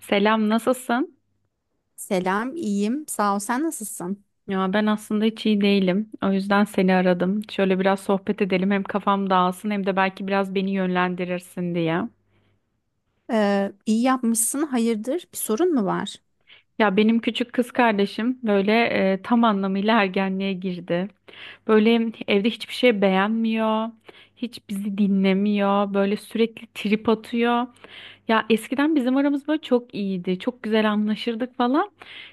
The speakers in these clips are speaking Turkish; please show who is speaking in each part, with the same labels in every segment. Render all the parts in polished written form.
Speaker 1: Selam, nasılsın?
Speaker 2: Selam, iyiyim. Sağ ol. Sen nasılsın?
Speaker 1: Ya ben aslında hiç iyi değilim. O yüzden seni aradım. Şöyle biraz sohbet edelim. Hem kafam dağılsın hem de belki biraz beni yönlendirirsin diye.
Speaker 2: İyi yapmışsın. Hayırdır? Bir sorun mu var?
Speaker 1: Ya benim küçük kız kardeşim böyle tam anlamıyla ergenliğe girdi. Böyle evde hiçbir şey beğenmiyor. Hiç bizi dinlemiyor. Böyle sürekli trip atıyor. Ya eskiden bizim aramız böyle çok iyiydi. Çok güzel anlaşırdık falan.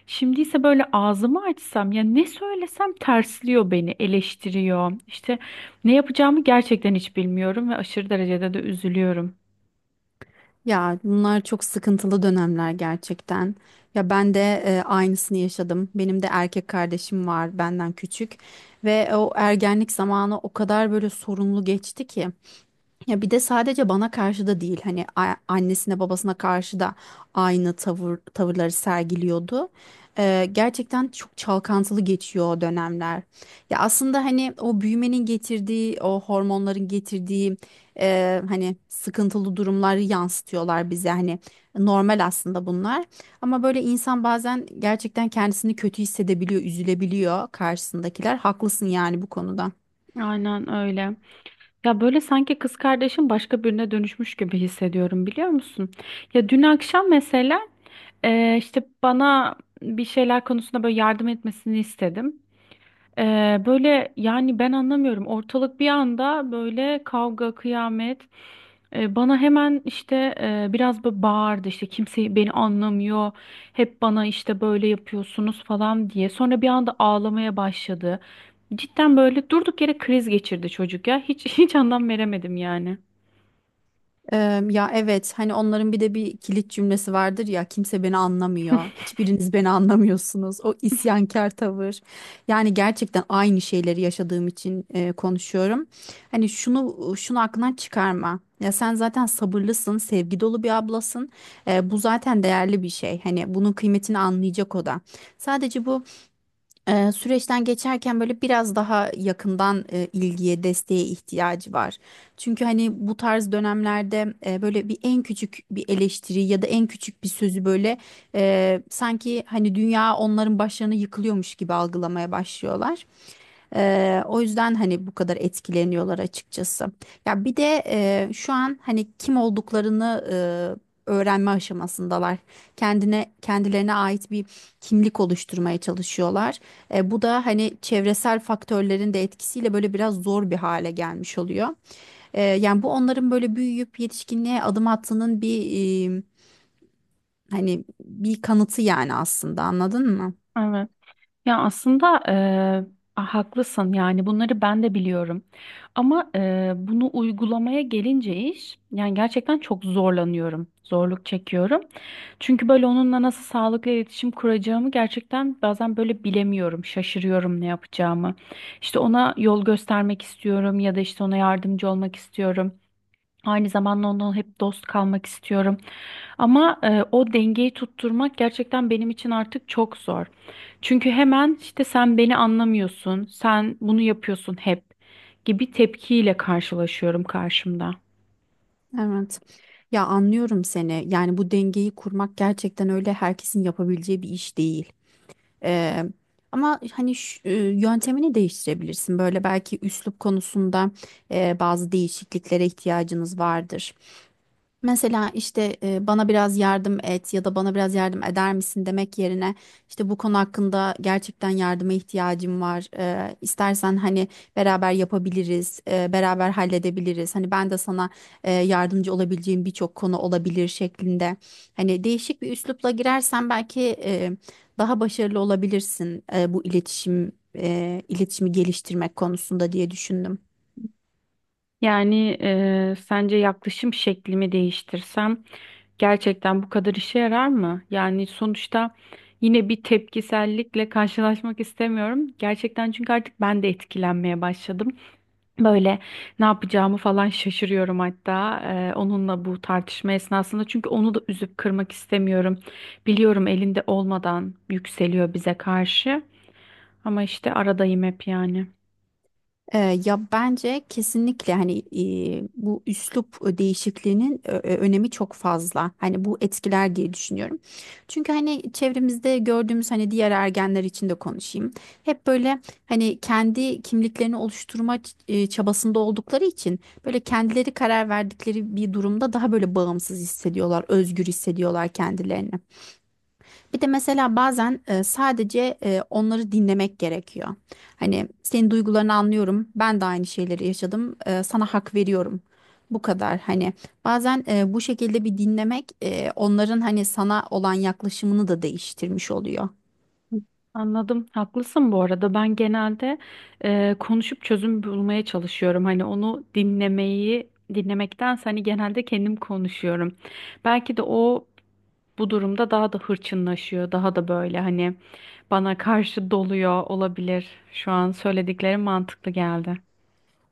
Speaker 1: Şimdi ise böyle ağzımı açsam ya ne söylesem tersliyor beni, eleştiriyor. İşte ne yapacağımı gerçekten hiç bilmiyorum ve aşırı derecede de üzülüyorum.
Speaker 2: Ya bunlar çok sıkıntılı dönemler gerçekten. Ya ben de aynısını yaşadım. Benim de erkek kardeşim var benden küçük ve o ergenlik zamanı o kadar böyle sorunlu geçti ki. Ya bir de sadece bana karşı da değil hani annesine babasına karşı da aynı tavırları sergiliyordu. Gerçekten çok çalkantılı geçiyor o dönemler. Ya aslında hani o büyümenin getirdiği o hormonların getirdiği hani sıkıntılı durumları yansıtıyorlar bize hani normal aslında bunlar. Ama böyle insan bazen gerçekten kendisini kötü hissedebiliyor, üzülebiliyor karşısındakiler. Haklısın yani bu konuda.
Speaker 1: Aynen öyle. Ya böyle sanki kız kardeşim başka birine dönüşmüş gibi hissediyorum, biliyor musun? Ya dün akşam mesela işte bana bir şeyler konusunda böyle yardım etmesini istedim. Böyle yani ben anlamıyorum. Ortalık bir anda böyle kavga, kıyamet. Bana hemen işte biraz böyle bağırdı, işte kimse beni anlamıyor. Hep bana işte böyle yapıyorsunuz falan diye. Sonra bir anda ağlamaya başladı. Cidden böyle durduk yere kriz geçirdi çocuk ya. Hiç hiç anlam veremedim yani.
Speaker 2: Ya evet hani onların bir de bir kilit cümlesi vardır ya kimse beni anlamıyor. Hiçbiriniz beni anlamıyorsunuz. O isyankar tavır. Yani gerçekten aynı şeyleri yaşadığım için konuşuyorum. Hani şunu şunu aklından çıkarma. Ya sen zaten sabırlısın, sevgi dolu bir ablasın. Bu zaten değerli bir şey. Hani bunun kıymetini anlayacak o da. Sadece bu süreçten geçerken böyle biraz daha yakından ilgiye, desteğe ihtiyacı var. Çünkü hani bu tarz dönemlerde böyle bir en küçük bir eleştiri ya da en küçük bir sözü böyle sanki hani dünya onların başlarına yıkılıyormuş gibi algılamaya başlıyorlar. O yüzden hani bu kadar etkileniyorlar açıkçası. Ya bir de şu an hani kim olduklarını öğrenme aşamasındalar. Kendilerine ait bir kimlik oluşturmaya çalışıyorlar. Bu da hani çevresel faktörlerin de etkisiyle böyle biraz zor bir hale gelmiş oluyor. Yani bu onların böyle büyüyüp yetişkinliğe adım attığının bir e, hani bir kanıtı yani aslında anladın mı?
Speaker 1: Evet. Ya aslında haklısın, yani bunları ben de biliyorum. Ama bunu uygulamaya gelince iş, yani gerçekten çok zorlanıyorum. Zorluk çekiyorum. Çünkü böyle onunla nasıl sağlıklı iletişim kuracağımı gerçekten bazen böyle bilemiyorum. Şaşırıyorum ne yapacağımı. İşte ona yol göstermek istiyorum ya da işte ona yardımcı olmak istiyorum. Aynı zamanda onunla hep dost kalmak istiyorum. Ama o dengeyi tutturmak gerçekten benim için artık çok zor. Çünkü hemen işte sen beni anlamıyorsun, sen bunu yapıyorsun hep gibi tepkiyle karşılaşıyorum karşımda.
Speaker 2: Evet. Ya anlıyorum seni. Yani bu dengeyi kurmak gerçekten öyle herkesin yapabileceği bir iş değil. Ee, Ama hani yöntemini değiştirebilirsin. Böyle belki üslup konusunda bazı değişikliklere ihtiyacınız vardır. Mesela işte bana biraz yardım et ya da bana biraz yardım eder misin demek yerine işte bu konu hakkında gerçekten yardıma ihtiyacım var. İstersen hani beraber yapabiliriz, beraber halledebiliriz. Hani ben de sana yardımcı olabileceğim birçok konu olabilir şeklinde. Hani değişik bir üslupla girersen belki daha başarılı olabilirsin bu iletişimi geliştirmek konusunda diye düşündüm.
Speaker 1: Yani sence yaklaşım şeklimi değiştirsem gerçekten bu kadar işe yarar mı? Yani sonuçta yine bir tepkisellikle karşılaşmak istemiyorum. Gerçekten çünkü artık ben de etkilenmeye başladım. Böyle ne yapacağımı falan şaşırıyorum hatta onunla bu tartışma esnasında. Çünkü onu da üzüp kırmak istemiyorum. Biliyorum elinde olmadan yükseliyor bize karşı. Ama işte aradayım hep yani.
Speaker 2: Ya bence kesinlikle hani bu üslup değişikliğinin önemi çok fazla. Hani bu etkiler diye düşünüyorum. Çünkü hani çevremizde gördüğümüz hani diğer ergenler için de konuşayım. Hep böyle hani kendi kimliklerini oluşturma çabasında oldukları için böyle kendileri karar verdikleri bir durumda daha böyle bağımsız hissediyorlar, özgür hissediyorlar kendilerini. Bir de mesela bazen sadece onları dinlemek gerekiyor. Hani senin duygularını anlıyorum. Ben de aynı şeyleri yaşadım. Sana hak veriyorum. Bu kadar hani bazen bu şekilde bir dinlemek onların hani sana olan yaklaşımını da değiştirmiş oluyor.
Speaker 1: Anladım. Haklısın bu arada. Ben genelde konuşup çözüm bulmaya çalışıyorum. Hani onu dinlemeyi dinlemektense, genelde kendim konuşuyorum. Belki de o bu durumda daha da hırçınlaşıyor. Daha da böyle hani bana karşı doluyor olabilir. Şu an söylediklerim mantıklı geldi.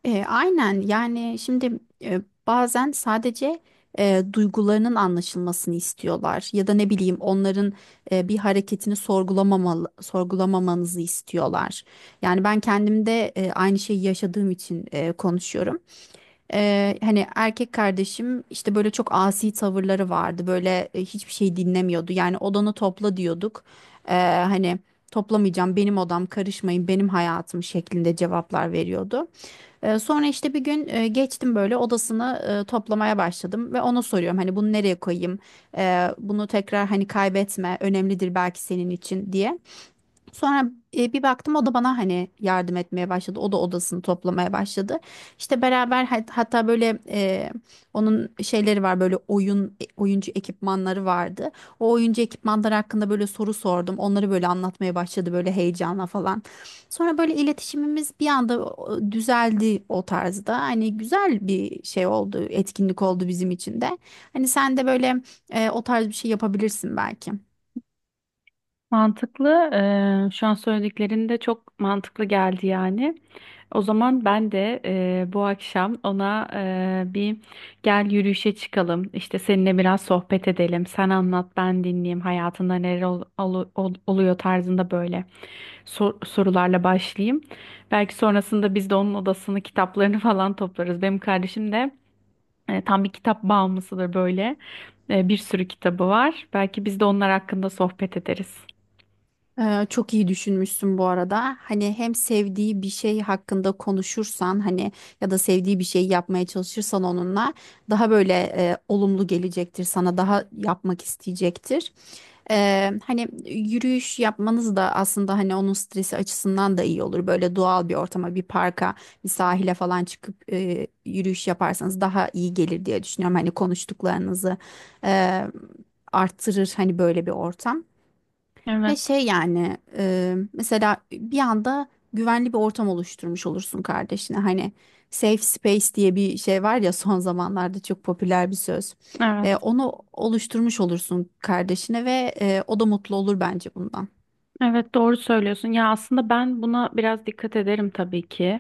Speaker 2: Aynen yani şimdi e, bazen sadece duygularının anlaşılmasını istiyorlar ya da ne bileyim onların bir hareketini sorgulamamanızı istiyorlar. Yani ben kendimde aynı şeyi yaşadığım için konuşuyorum. Hani erkek kardeşim işte böyle çok asi tavırları vardı böyle hiçbir şey dinlemiyordu yani odanı topla diyorduk. E, Hani toplamayacağım benim odam karışmayın benim hayatım şeklinde cevaplar veriyordu. Sonra işte bir gün geçtim böyle odasını toplamaya başladım ve ona soruyorum hani bunu nereye koyayım? Bunu tekrar hani kaybetme önemlidir belki senin için diye. Sonra bir baktım o da bana hani yardım etmeye başladı. O da odasını toplamaya başladı. İşte beraber hatta böyle onun şeyleri var böyle oyuncu ekipmanları vardı. O oyuncu ekipmanları hakkında böyle soru sordum. Onları böyle anlatmaya başladı böyle heyecanla falan. Sonra böyle iletişimimiz bir anda düzeldi o tarzda. Hani güzel bir şey oldu, etkinlik oldu bizim için de. Hani sen de böyle o tarz bir şey yapabilirsin belki.
Speaker 1: Mantıklı. Şu an söylediklerin de çok mantıklı geldi yani. O zaman ben de bu akşam ona bir gel yürüyüşe çıkalım. İşte seninle biraz sohbet edelim. Sen anlat, ben dinleyeyim. Hayatında neler oluyor tarzında böyle sorularla başlayayım. Belki sonrasında biz de onun odasını, kitaplarını falan toplarız. Benim kardeşim de tam bir kitap bağımlısıdır böyle. Bir sürü kitabı var. Belki biz de onlar hakkında sohbet ederiz.
Speaker 2: Çok iyi düşünmüşsün bu arada. Hani hem sevdiği bir şey hakkında konuşursan hani ya da sevdiği bir şey yapmaya çalışırsan onunla daha böyle olumlu gelecektir sana daha yapmak isteyecektir. Hani yürüyüş yapmanız da aslında hani onun stresi açısından da iyi olur. Böyle doğal bir ortama, bir parka, bir sahile falan çıkıp yürüyüş yaparsanız daha iyi gelir diye düşünüyorum. Hani konuştuklarınızı e, arttırır hani böyle bir ortam. Ve
Speaker 1: Evet.
Speaker 2: şey yani mesela bir anda güvenli bir ortam oluşturmuş olursun kardeşine. Hani safe space diye bir şey var ya son zamanlarda çok popüler bir söz.
Speaker 1: Evet,
Speaker 2: Onu oluşturmuş olursun kardeşine ve o da mutlu olur bence bundan.
Speaker 1: evet doğru söylüyorsun. Ya aslında ben buna biraz dikkat ederim tabii ki.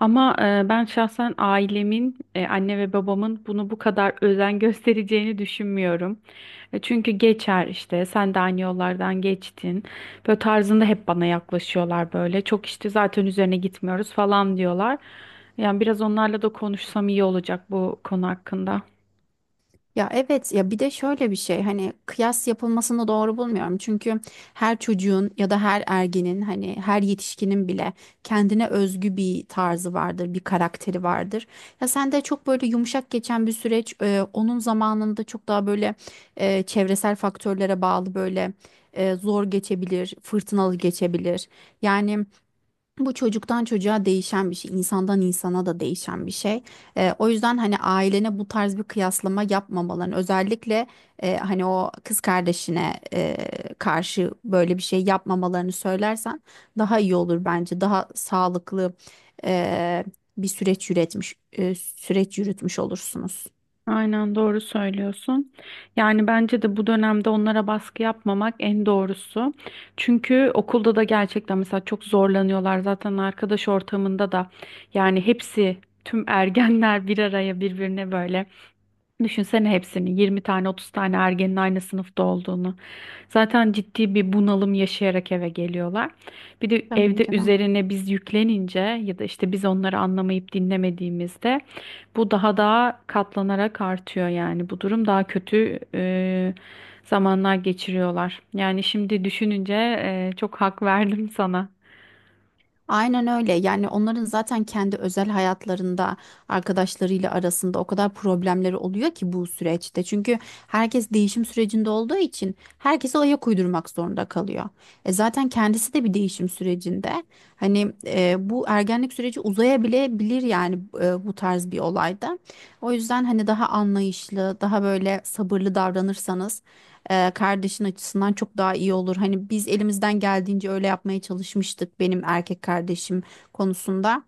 Speaker 1: Ama ben şahsen ailemin, anne ve babamın bunu bu kadar özen göstereceğini düşünmüyorum. Çünkü geçer işte, sen de aynı yollardan geçtin. Böyle tarzında hep bana yaklaşıyorlar böyle. Çok işte zaten üzerine gitmiyoruz falan diyorlar. Yani biraz onlarla da konuşsam iyi olacak bu konu hakkında.
Speaker 2: Ya evet ya bir de şöyle bir şey hani kıyas yapılmasını doğru bulmuyorum. Çünkü her çocuğun ya da her ergenin hani her yetişkinin bile kendine özgü bir tarzı vardır, bir karakteri vardır. Ya sen de çok böyle yumuşak geçen bir süreç onun zamanında çok daha böyle çevresel faktörlere bağlı böyle zor geçebilir, fırtınalı geçebilir. Yani bu çocuktan çocuğa değişen bir şey, insandan insana da değişen bir şey. O yüzden hani ailene bu tarz bir kıyaslama yapmamaların, özellikle hani o kız kardeşine karşı böyle bir şey yapmamalarını söylersen daha iyi olur bence. Daha sağlıklı eee, bir süreç yürütmüş olursunuz.
Speaker 1: Aynen doğru söylüyorsun. Yani bence de bu dönemde onlara baskı yapmamak en doğrusu. Çünkü okulda da gerçekten mesela çok zorlanıyorlar. Zaten arkadaş ortamında da yani hepsi tüm ergenler bir araya birbirine böyle. Düşünsene hepsinin 20 tane 30 tane ergenin aynı sınıfta olduğunu. Zaten ciddi bir bunalım yaşayarak eve geliyorlar. Bir de
Speaker 2: Tabii
Speaker 1: evde
Speaker 2: ki de.
Speaker 1: üzerine biz yüklenince ya da işte biz onları anlamayıp dinlemediğimizde bu daha da katlanarak artıyor yani. Bu durum daha kötü zamanlar geçiriyorlar. Yani şimdi düşününce çok hak verdim sana.
Speaker 2: Aynen öyle. Yani onların zaten kendi özel hayatlarında arkadaşlarıyla arasında o kadar problemleri oluyor ki bu süreçte. Çünkü herkes değişim sürecinde olduğu için herkese ayak uydurmak zorunda kalıyor. Zaten kendisi de bir değişim sürecinde. Hani bu ergenlik süreci uzayabilebilir yani bu tarz bir olayda. O yüzden hani daha anlayışlı, daha böyle sabırlı davranırsanız kardeşin açısından çok daha iyi olur. Hani biz elimizden geldiğince öyle yapmaya çalışmıştık benim erkek kardeşim konusunda.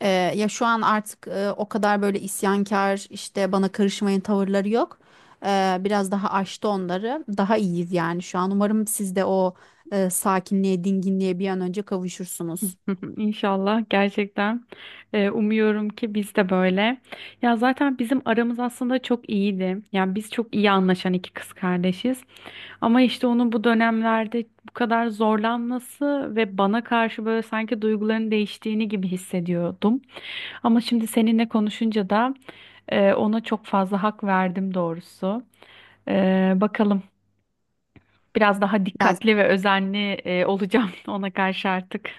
Speaker 2: Ya şu an artık o kadar böyle isyankar işte bana karışmayın tavırları yok. Biraz daha aştı onları. Daha iyiyiz yani şu an. Umarım siz de o sakinliğe, dinginliğe bir an önce kavuşursunuz.
Speaker 1: İnşallah gerçekten. Umuyorum ki biz de böyle. Ya zaten bizim aramız aslında çok iyiydi. Yani biz çok iyi anlaşan iki kız kardeşiz. Ama işte onun bu dönemlerde bu kadar zorlanması ve bana karşı böyle sanki duyguların değiştiğini gibi hissediyordum. Ama şimdi seninle konuşunca da ona çok fazla hak verdim doğrusu. Bakalım biraz daha
Speaker 2: Ya
Speaker 1: dikkatli ve özenli olacağım ona karşı artık.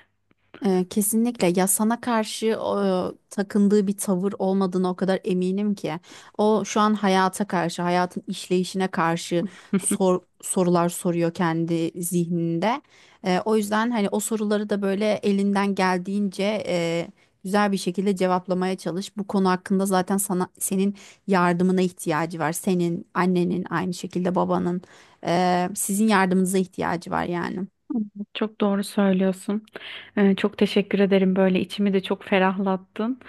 Speaker 2: Kesinlikle ya sana karşı takındığı bir tavır olmadığına o kadar eminim ki. O şu an hayata karşı, hayatın işleyişine karşı sorular soruyor kendi zihninde. O yüzden hani o soruları da böyle elinden geldiğince güzel bir şekilde cevaplamaya çalış. Bu konu hakkında zaten senin yardımına ihtiyacı var. Senin, annenin, aynı şekilde babanın, sizin yardımınıza ihtiyacı var yani.
Speaker 1: Çok doğru söylüyorsun. Çok teşekkür ederim. Böyle içimi de çok ferahlattın.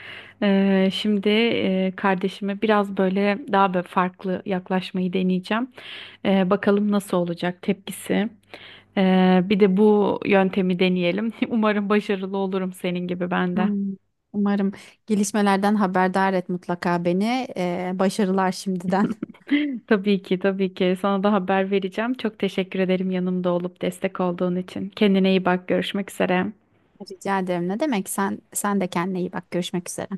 Speaker 1: Şimdi kardeşime biraz böyle daha böyle farklı yaklaşmayı deneyeceğim. Bakalım nasıl olacak tepkisi. Bir de bu yöntemi deneyelim. Umarım başarılı olurum senin gibi ben de.
Speaker 2: Hmm, Umarım gelişmelerden haberdar et mutlaka beni. Başarılar şimdiden.
Speaker 1: Tabii ki, tabii ki. Sana da haber vereceğim. Çok teşekkür ederim yanımda olup destek olduğun için. Kendine iyi bak. Görüşmek üzere.
Speaker 2: Rica ederim. Ne demek? Sen de kendine iyi bak. Görüşmek üzere.